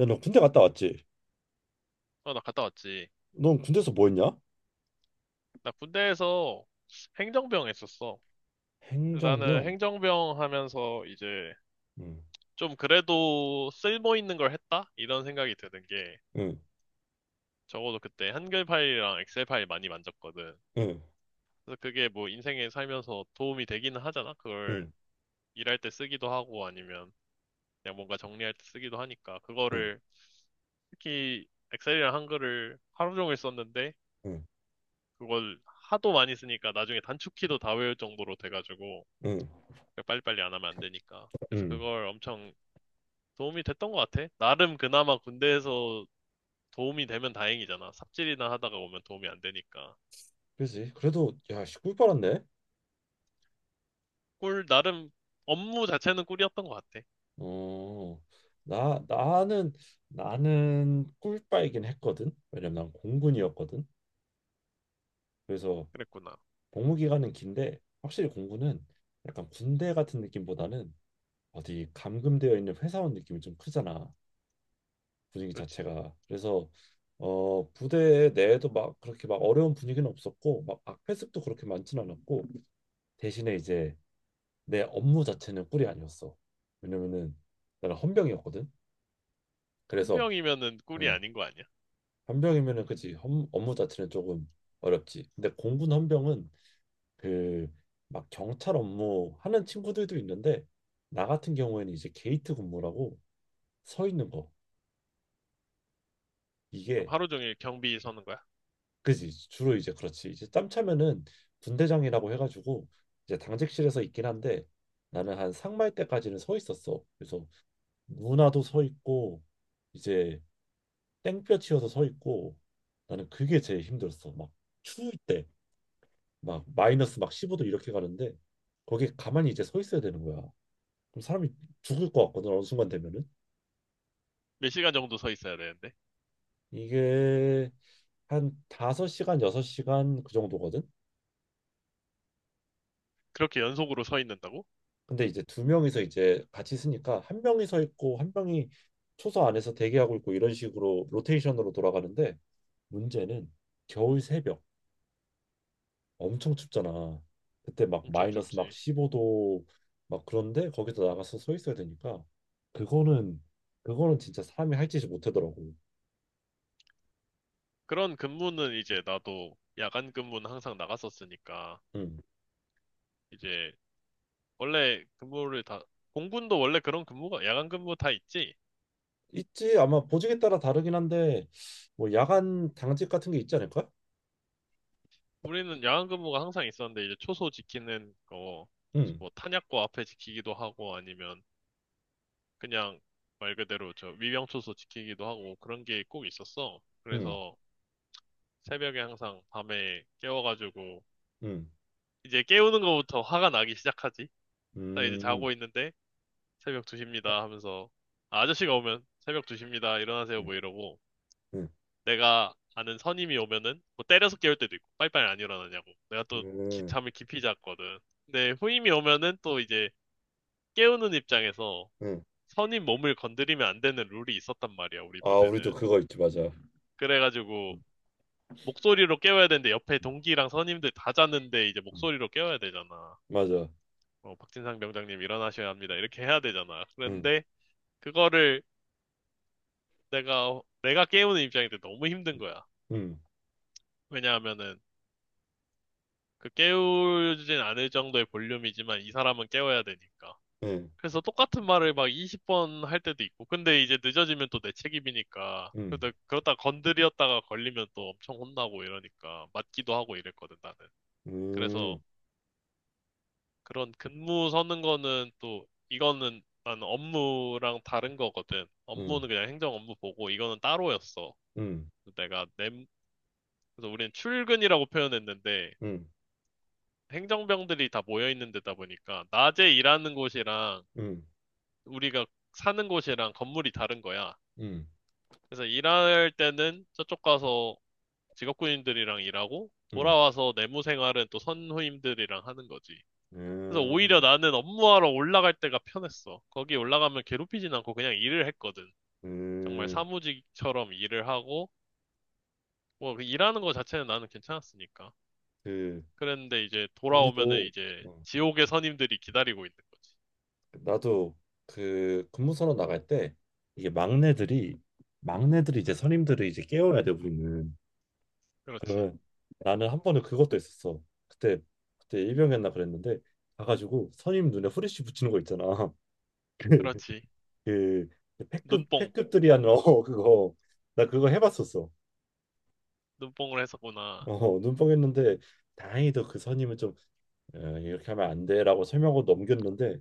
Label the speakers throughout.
Speaker 1: 야, 너 군대 갔다 왔지?
Speaker 2: 어, 나 갔다 왔지.
Speaker 1: 넌 군대에서 뭐 했냐?
Speaker 2: 나 군대에서 행정병 했었어. 근데 나는
Speaker 1: 행정병.
Speaker 2: 행정병 하면서 이제
Speaker 1: 응,
Speaker 2: 좀 그래도 쓸모 있는 걸 했다? 이런 생각이 드는 게
Speaker 1: 응,
Speaker 2: 적어도 그때 한글 파일이랑 엑셀 파일 많이 만졌거든.
Speaker 1: 응,
Speaker 2: 그래서 그게 뭐 인생에 살면서 도움이 되기는 하잖아. 그걸
Speaker 1: 응,
Speaker 2: 일할 때 쓰기도 하고 아니면 그냥 뭔가 정리할 때 쓰기도 하니까
Speaker 1: 응,
Speaker 2: 그거를 특히 엑셀이랑 한글을 하루 종일 썼는데
Speaker 1: 응,
Speaker 2: 그걸 하도 많이 쓰니까 나중에 단축키도 다 외울 정도로 돼가지고
Speaker 1: 응,
Speaker 2: 그러니까 빨리빨리 안 하면 안 되니까. 그래서
Speaker 1: 응.
Speaker 2: 그걸 엄청 도움이 됐던 것 같아. 나름 그나마 군대에서 도움이 되면 다행이잖아. 삽질이나 하다가 오면 도움이 안 되니까.
Speaker 1: 그지? 그래도 야, 씨, 꿀빨았네.
Speaker 2: 꿀, 나름 업무 자체는 꿀이었던 것 같아.
Speaker 1: 어, 나 나는 나는 꿀빨긴 했거든. 왜냐면 난 공군이었거든. 그래서
Speaker 2: 그랬구나.
Speaker 1: 복무 기간은 긴데, 확실히 공군은 약간 군대 같은 느낌보다는 어디 감금되어 있는 회사원 느낌이 좀 크잖아. 분위기
Speaker 2: 그렇지.
Speaker 1: 자체가 그래서 부대 내에도 막 그렇게 막 어려운 분위기는 없었고 막 악배습도 그렇게 많진 않았고, 대신에 이제 내 업무 자체는 꿀이 아니었어. 왜냐면은 나는 헌병이었거든. 그래서
Speaker 2: 헌병이면은 꿀이
Speaker 1: 음,
Speaker 2: 아닌 거 아니야?
Speaker 1: 헌병이면은 그치, 업무 자체는 조금 어렵지. 근데 공군 헌병은 그 막 경찰 업무 하는 친구들도 있는데, 나 같은 경우에는 이제 게이트 근무라고 서 있는 거,
Speaker 2: 그럼
Speaker 1: 이게
Speaker 2: 하루 종일 경비 서는 거야?
Speaker 1: 그지, 주로 이제 그렇지 이제 짬 차면은 분대장이라고 해가지고 이제 당직실에서 있긴 한데, 나는 한 상말 때까지는 서 있었어. 그래서 누나도 서 있고 이제 땡볕 치여서 서 있고, 나는 그게 제일 힘들었어. 막 추울 때 막 마이너스 막 15도 이렇게 가는데, 거기에 가만히 이제 서 있어야 되는 거야. 그럼 사람이 죽을 것 같거든 어느 순간 되면은.
Speaker 2: 몇 시간 정도 서 있어야 되는데?
Speaker 1: 이게 한 5시간 6시간 그 정도거든.
Speaker 2: 그렇게 연속으로 서 있는다고?
Speaker 1: 근데 이제 두 명이서 이제 같이 쓰니까 한 명이 서 있고 한 명이 초소 안에서 대기하고 있고 이런 식으로 로테이션으로 돌아가는데, 문제는 겨울 새벽 엄청 춥잖아. 그때 막
Speaker 2: 엄청
Speaker 1: 마이너스 막
Speaker 2: 춥지.
Speaker 1: 15도 막 그런데 거기서 나가서 서 있어야 되니까. 그거는 그거는 진짜 사람이 할 짓이 못하더라고.
Speaker 2: 그런 근무는 이제 나도 야간 근무는 항상 나갔었으니까
Speaker 1: 음.
Speaker 2: 이제 원래 근무를 다, 공군도 원래 그런 근무가, 야간 근무 다 있지?
Speaker 1: 있지. 아마 보직에 따라 다르긴 한데, 뭐 야간 당직 같은 게 있지 않을까?
Speaker 2: 우리는 야간 근무가 항상 있었는데, 이제 초소 지키는 거,
Speaker 1: 음.
Speaker 2: 뭐 탄약고 앞에 지키기도 하고, 아니면 그냥 말 그대로 저 위병초소 지키기도 하고, 그런 게 꼭 있었어.
Speaker 1: 음.
Speaker 2: 그래서 새벽에 항상 밤에 깨워가지고,
Speaker 1: 음.
Speaker 2: 이제 깨우는 거부터 화가 나기 시작하지? 나 이제
Speaker 1: 음.
Speaker 2: 자고 있는데, 새벽 2시입니다 하면서, 아, 아저씨가 오면 새벽 2시입니다, 일어나세요,
Speaker 1: 음.
Speaker 2: 뭐 이러고,
Speaker 1: 음.
Speaker 2: 내가 아는 선임이 오면은 뭐 때려서 깨울 때도 있고 빨리빨리 안 일어나냐고 내가 또
Speaker 1: 음.
Speaker 2: 잠을 깊이 잤거든. 근데 후임이 오면은 또 이제 깨우는 입장에서
Speaker 1: 음.
Speaker 2: 선임 몸을 건드리면 안 되는 룰이 있었단 말이야, 우리
Speaker 1: 아, 우리도
Speaker 2: 부대는.
Speaker 1: 그거 있지, 맞아.
Speaker 2: 그래가지고
Speaker 1: 음,
Speaker 2: 목소리로 깨워야 되는데 옆에 동기랑 선임들 다 자는데 이제
Speaker 1: 음.
Speaker 2: 목소리로 깨워야 되잖아.
Speaker 1: 맞아.
Speaker 2: 어, 박진상 병장님 일어나셔야 합니다 이렇게 해야 되잖아.
Speaker 1: 음,
Speaker 2: 그런데 그거를 내가 깨우는 입장인데 너무 힘든 거야.
Speaker 1: 음,
Speaker 2: 왜냐하면은 그 깨우진 않을 정도의 볼륨이지만 이 사람은 깨워야 되니까.
Speaker 1: 음,
Speaker 2: 그래서 똑같은 말을 막 20번 할 때도 있고. 근데 이제 늦어지면 또 내 책임이니까.
Speaker 1: 음,
Speaker 2: 근데 그러다 건드렸다가 걸리면 또 엄청 혼나고 이러니까 맞기도 하고 이랬거든, 나는. 그래서
Speaker 1: 음,
Speaker 2: 그런 근무 서는 거는 또 이거는 나는 업무랑 다른 거거든.
Speaker 1: 음,
Speaker 2: 업무는 그냥 행정 업무 보고 이거는 따로였어.
Speaker 1: 음,
Speaker 2: 그래서 그래서 우리는 출근이라고 표현했는데
Speaker 1: 음, 음,
Speaker 2: 행정병들이 다 모여 있는 데다 보니까 낮에 일하는 곳이랑 우리가 사는 곳이랑 건물이 다른 거야.
Speaker 1: 음,
Speaker 2: 그래서 일할 때는 저쪽 가서 직업군인들이랑 일하고
Speaker 1: 음.
Speaker 2: 돌아와서 내무 생활은 또 선후임들이랑 하는 거지. 그래서 오히려
Speaker 1: 음,
Speaker 2: 나는 업무하러 올라갈 때가 편했어. 거기 올라가면 괴롭히진 않고 그냥 일을 했거든. 정말
Speaker 1: 음.
Speaker 2: 사무직처럼 일을 하고 뭐그 일하는 거 자체는 나는 괜찮았으니까.
Speaker 1: 그,
Speaker 2: 그랬는데 이제 돌아오면은
Speaker 1: 우리도,
Speaker 2: 이제
Speaker 1: 어,
Speaker 2: 지옥의 선임들이 기다리고 있는 거지.
Speaker 1: 나도 그 근무선언 나갈 때, 이게 막내들이 이제 선임들을 이제 깨워야 돼, 우리는.
Speaker 2: 그렇지.
Speaker 1: 그러면 나는 한 번은 그것도 있었어. 그때, 그때 일병이었나 그랬는데, 가가지고 선임 눈에 후레쉬 붙이는 거 있잖아.
Speaker 2: 그렇지.
Speaker 1: 그 패급
Speaker 2: 눈뽕,
Speaker 1: 패급들이 한어 그거 나 그거 해봤었어.
Speaker 2: 눈뽕을 했었구나.
Speaker 1: 어, 눈뽕했는데 다행히도 그 선임은 좀 이렇게 하면 안 돼라고 설명하고 넘겼는데,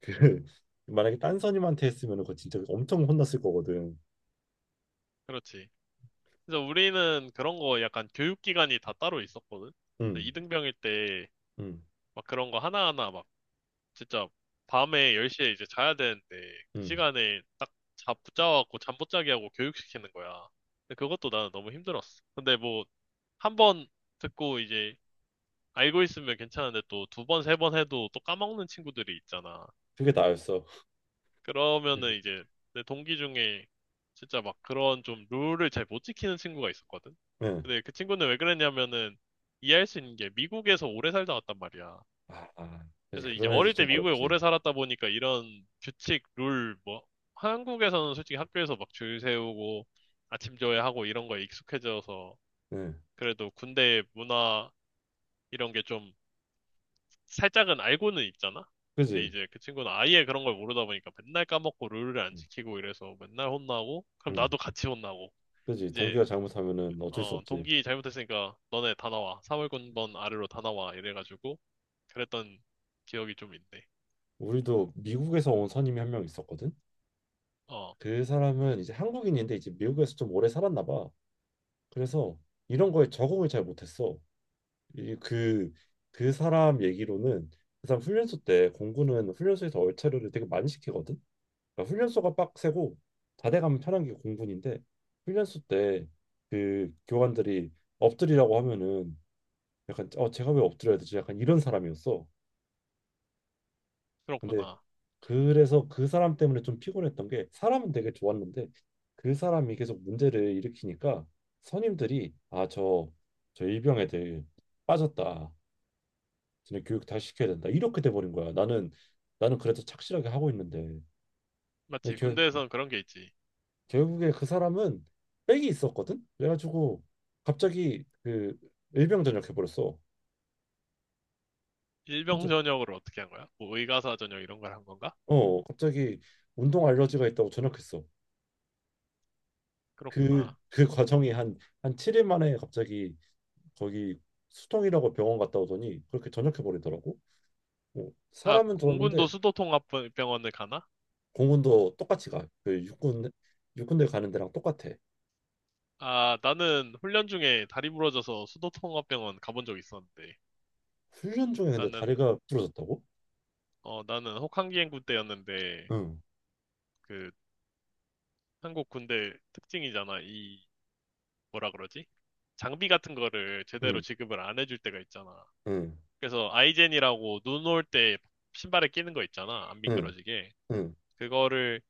Speaker 1: 그 만약에 딴 선임한테 했으면은 그거 진짜 엄청 혼났을 거거든.
Speaker 2: 그렇지. 그래서 우리는 그런 거 약간 교육기관이 다 따로 있었거든. 그래서
Speaker 1: 응,
Speaker 2: 이등병일 때
Speaker 1: 응,
Speaker 2: 막 그런 거 하나하나 막 진짜 밤에 10시에 이제 자야 되는데 그
Speaker 1: 응.
Speaker 2: 시간에 딱 자, 붙잡아갖고 잠 못 자게 하고 교육시키는 거야. 근데 그것도 나는 너무 힘들었어. 근데 뭐 한 번 듣고 이제 알고 있으면 괜찮은데 또 두 번, 세 번 해도 또 까먹는 친구들이 있잖아.
Speaker 1: 그게 나였어.
Speaker 2: 그러면은 이제 내 동기 중에 진짜 막 그런 좀 룰을 잘 못 지키는 친구가 있었거든.
Speaker 1: 응.
Speaker 2: 근데 그 친구는 왜 그랬냐면은 이해할 수 있는 게 미국에서 오래 살다 왔단 말이야.
Speaker 1: 아, 아, 그지.
Speaker 2: 그래서 이제
Speaker 1: 그런 애들
Speaker 2: 어릴
Speaker 1: 좀
Speaker 2: 때 미국에
Speaker 1: 어렵지.
Speaker 2: 오래 살았다 보니까 이런 규칙, 룰, 뭐 한국에서는 솔직히 학교에서 막 줄 세우고 아침 조회하고 이런 거에 익숙해져서
Speaker 1: 응,
Speaker 2: 그래도 군대 문화 이런 게좀 살짝은 알고는 있잖아? 근데
Speaker 1: 그지.
Speaker 2: 이제 그 친구는 아예 그런 걸 모르다 보니까 맨날 까먹고 룰을 안
Speaker 1: 응,
Speaker 2: 지키고 이래서 맨날 혼나고, 그럼
Speaker 1: 응.
Speaker 2: 나도 같이 혼나고.
Speaker 1: 그지.
Speaker 2: 이제,
Speaker 1: 동기가 잘못하면은 어쩔 수
Speaker 2: 어,
Speaker 1: 없지.
Speaker 2: 동기 잘못했으니까 너네 다 나와. 사월군번 아래로 다 나와. 이래가지고, 그랬던 기억이 좀 있네.
Speaker 1: 우리도 미국에서 온 선임이 한 명 있었거든.
Speaker 2: 어,
Speaker 1: 그 사람은 이제 한국인인데 이제 미국에서 좀 오래 살았나 봐. 그래서 이런 거에 적응을 잘 못했어. 이 그 그 사람 얘기로는, 그 사람 훈련소 때 공군은 훈련소에서 얼차려를 되게 많이 시키거든. 그러니까 훈련소가 빡세고 자대 가면 편한 게 공군인데, 훈련소 때 그 교관들이 엎드리라고 하면은 약간 제가 왜 엎드려야 되지? 약간 이런 사람이었어. 근데
Speaker 2: 그렇구나.
Speaker 1: 그래서 그 사람 때문에 좀 피곤했던 게, 사람은 되게 좋았는데 그 사람이 계속 문제를 일으키니까 선임들이, 아, 저, 일병 애들 빠졌다, 쟤네 교육 다시 시켜야 된다, 이렇게 돼 버린 거야. 나는 그래도 착실하게 하고 있는데. 근데
Speaker 2: 맞지?
Speaker 1: 결,
Speaker 2: 군대에선 그런 게 있지.
Speaker 1: 결국에 그 사람은 백이 있었거든. 그래가지고 갑자기 그 일병 전역해 버렸어.
Speaker 2: 일병
Speaker 1: 혼자,
Speaker 2: 전역을 어떻게 한 거야? 뭐 의가사 전역 이런 걸 한 건가?
Speaker 1: 갑자기 운동 알러지가 있다고 전역했어. 그
Speaker 2: 그렇구나.
Speaker 1: 그 과정이 한 7일 만에 갑자기 거기 수동이라고 병원 갔다 오더니 그렇게 전역해 버리더라고. 뭐
Speaker 2: 아,
Speaker 1: 사람은
Speaker 2: 공군도
Speaker 1: 좋았는데.
Speaker 2: 수도통합병원을 가나?
Speaker 1: 공군도 똑같이 가. 그 육군대 가는 데랑 똑같아.
Speaker 2: 아, 나는 훈련 중에 다리 부러져서 수도통합병원 가본 적 있었는데,
Speaker 1: 훈련 중에 근데
Speaker 2: 나는,
Speaker 1: 다리가 부러졌다고?
Speaker 2: 어, 나는 혹한기 행 군 대였는데
Speaker 1: 응,
Speaker 2: 그, 한국 군대 특징이잖아. 이, 뭐라 그러지? 장비 같은 거를 제대로
Speaker 1: 응,
Speaker 2: 지급을 안 해줄 때가 있잖아.
Speaker 1: 응,
Speaker 2: 그래서 아이젠이라고 눈 올 때 신발에 끼는 거 있잖아. 안
Speaker 1: 응,
Speaker 2: 미끄러지게.
Speaker 1: 응,
Speaker 2: 그거를,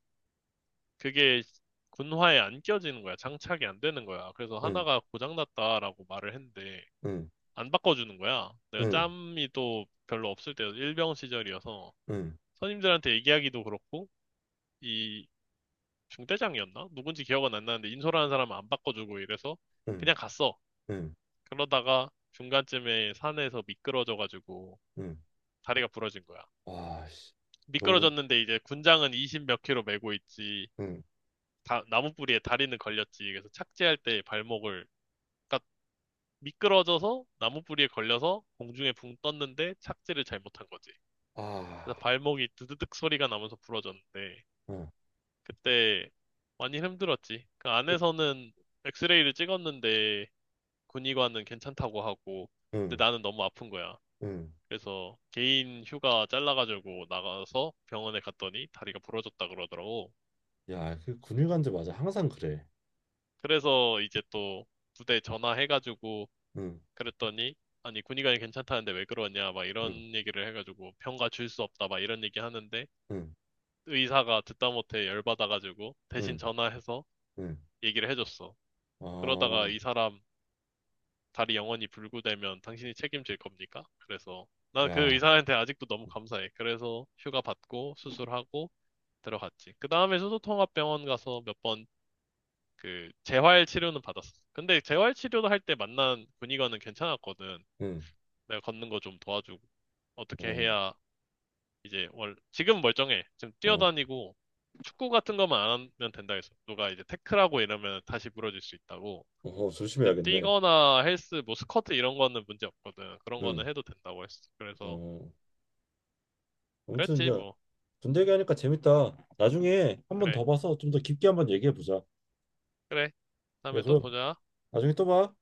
Speaker 2: 그게 군화에 안 껴지는 거야. 장착이 안 되는 거야. 그래서
Speaker 1: 응,
Speaker 2: 하나가 고장났다라고 말을 했는데,
Speaker 1: 응,
Speaker 2: 안 바꿔주는 거야. 내가
Speaker 1: 응,
Speaker 2: 짬이 또 별로 없을 때 일병 시절이어서
Speaker 1: 응,
Speaker 2: 선임들한테 얘기하기도 그렇고 이 중대장이었나? 누군지 기억은 안 나는데 인솔하는 사람은 안 바꿔주고 이래서
Speaker 1: 응,
Speaker 2: 그냥 갔어.
Speaker 1: 응,
Speaker 2: 그러다가 중간쯤에 산에서 미끄러져가지고
Speaker 1: 응.
Speaker 2: 다리가 부러진 거야.
Speaker 1: 와, 씨, 너무 근데,
Speaker 2: 미끄러졌는데 이제 군장은 20 몇 킬로 메고 있지.
Speaker 1: 응,
Speaker 2: 다, 나무 뿌리에 다리는 걸렸지. 그래서 착지할 때 발목을, 그러니까 미끄러져서 나무 뿌리에 걸려서 공중에 붕 떴는데 착지를 잘못한 거지.
Speaker 1: 아,
Speaker 2: 그래서 발목이 드드득 소리가 나면서 부러졌는데
Speaker 1: 응,
Speaker 2: 그때 많이 힘들었지. 그 안에서는 엑스레이를 찍었는데 군의관은 괜찮다고 하고 근데
Speaker 1: 응,
Speaker 2: 나는 너무 아픈 거야.
Speaker 1: 응.
Speaker 2: 그래서 개인 휴가 잘라가지고 나가서 병원에 갔더니 다리가 부러졌다 그러더라고.
Speaker 1: 야, 그 근육안제 맞아. 항상 그래.
Speaker 2: 그래서 이제 또 부대 전화해가지고
Speaker 1: 응,
Speaker 2: 그랬더니 아니 군의관이 괜찮다는데 왜 그러냐 막 이런
Speaker 1: 응,
Speaker 2: 얘기를 해가지고 병가 줄 수 없다 막 이런 얘기 하는데
Speaker 1: 응,
Speaker 2: 의사가 듣다 못해 열받아가지고 대신
Speaker 1: 응,
Speaker 2: 전화해서
Speaker 1: 응.
Speaker 2: 얘기를 해줬어. 그러다가
Speaker 1: 어,
Speaker 2: 이 사람 다리 영원히 불구되면 당신이 책임질 겁니까? 그래서 난 그
Speaker 1: 야,
Speaker 2: 의사한테 아직도 너무 감사해. 그래서 휴가 받고 수술하고 들어갔지. 그 다음에 수소통합병원 가서 몇 번 그 재활 치료는 받았어. 근데 재활 치료도 할 때 만난 군의관은 괜찮았거든.
Speaker 1: 응,
Speaker 2: 내가 걷는 거 좀 도와주고 어떻게
Speaker 1: 어.
Speaker 2: 해야 이제 월 지금 멀쩡해. 지금
Speaker 1: 어,
Speaker 2: 뛰어다니고 축구 같은 것만 안 하면 된다 해서 누가 이제 태클하고 이러면 다시 부러질 수 있다고.
Speaker 1: 어,
Speaker 2: 근데
Speaker 1: 조심해야겠네.
Speaker 2: 뛰거나 헬스 뭐 스쿼트 이런 거는 문제 없거든. 그런 거는
Speaker 1: 응.
Speaker 2: 해도 된다고 했어. 그래서
Speaker 1: 어, 아무튼
Speaker 2: 그랬지
Speaker 1: 야,
Speaker 2: 뭐.
Speaker 1: 군대 얘기하니까 재밌다. 나중에 한번
Speaker 2: 그래.
Speaker 1: 더 봐서 좀 더 깊게 한번 얘기해 보자.
Speaker 2: 그래.
Speaker 1: 그래,
Speaker 2: 다음에 또
Speaker 1: 그럼
Speaker 2: 보자.
Speaker 1: 나중에 또 봐.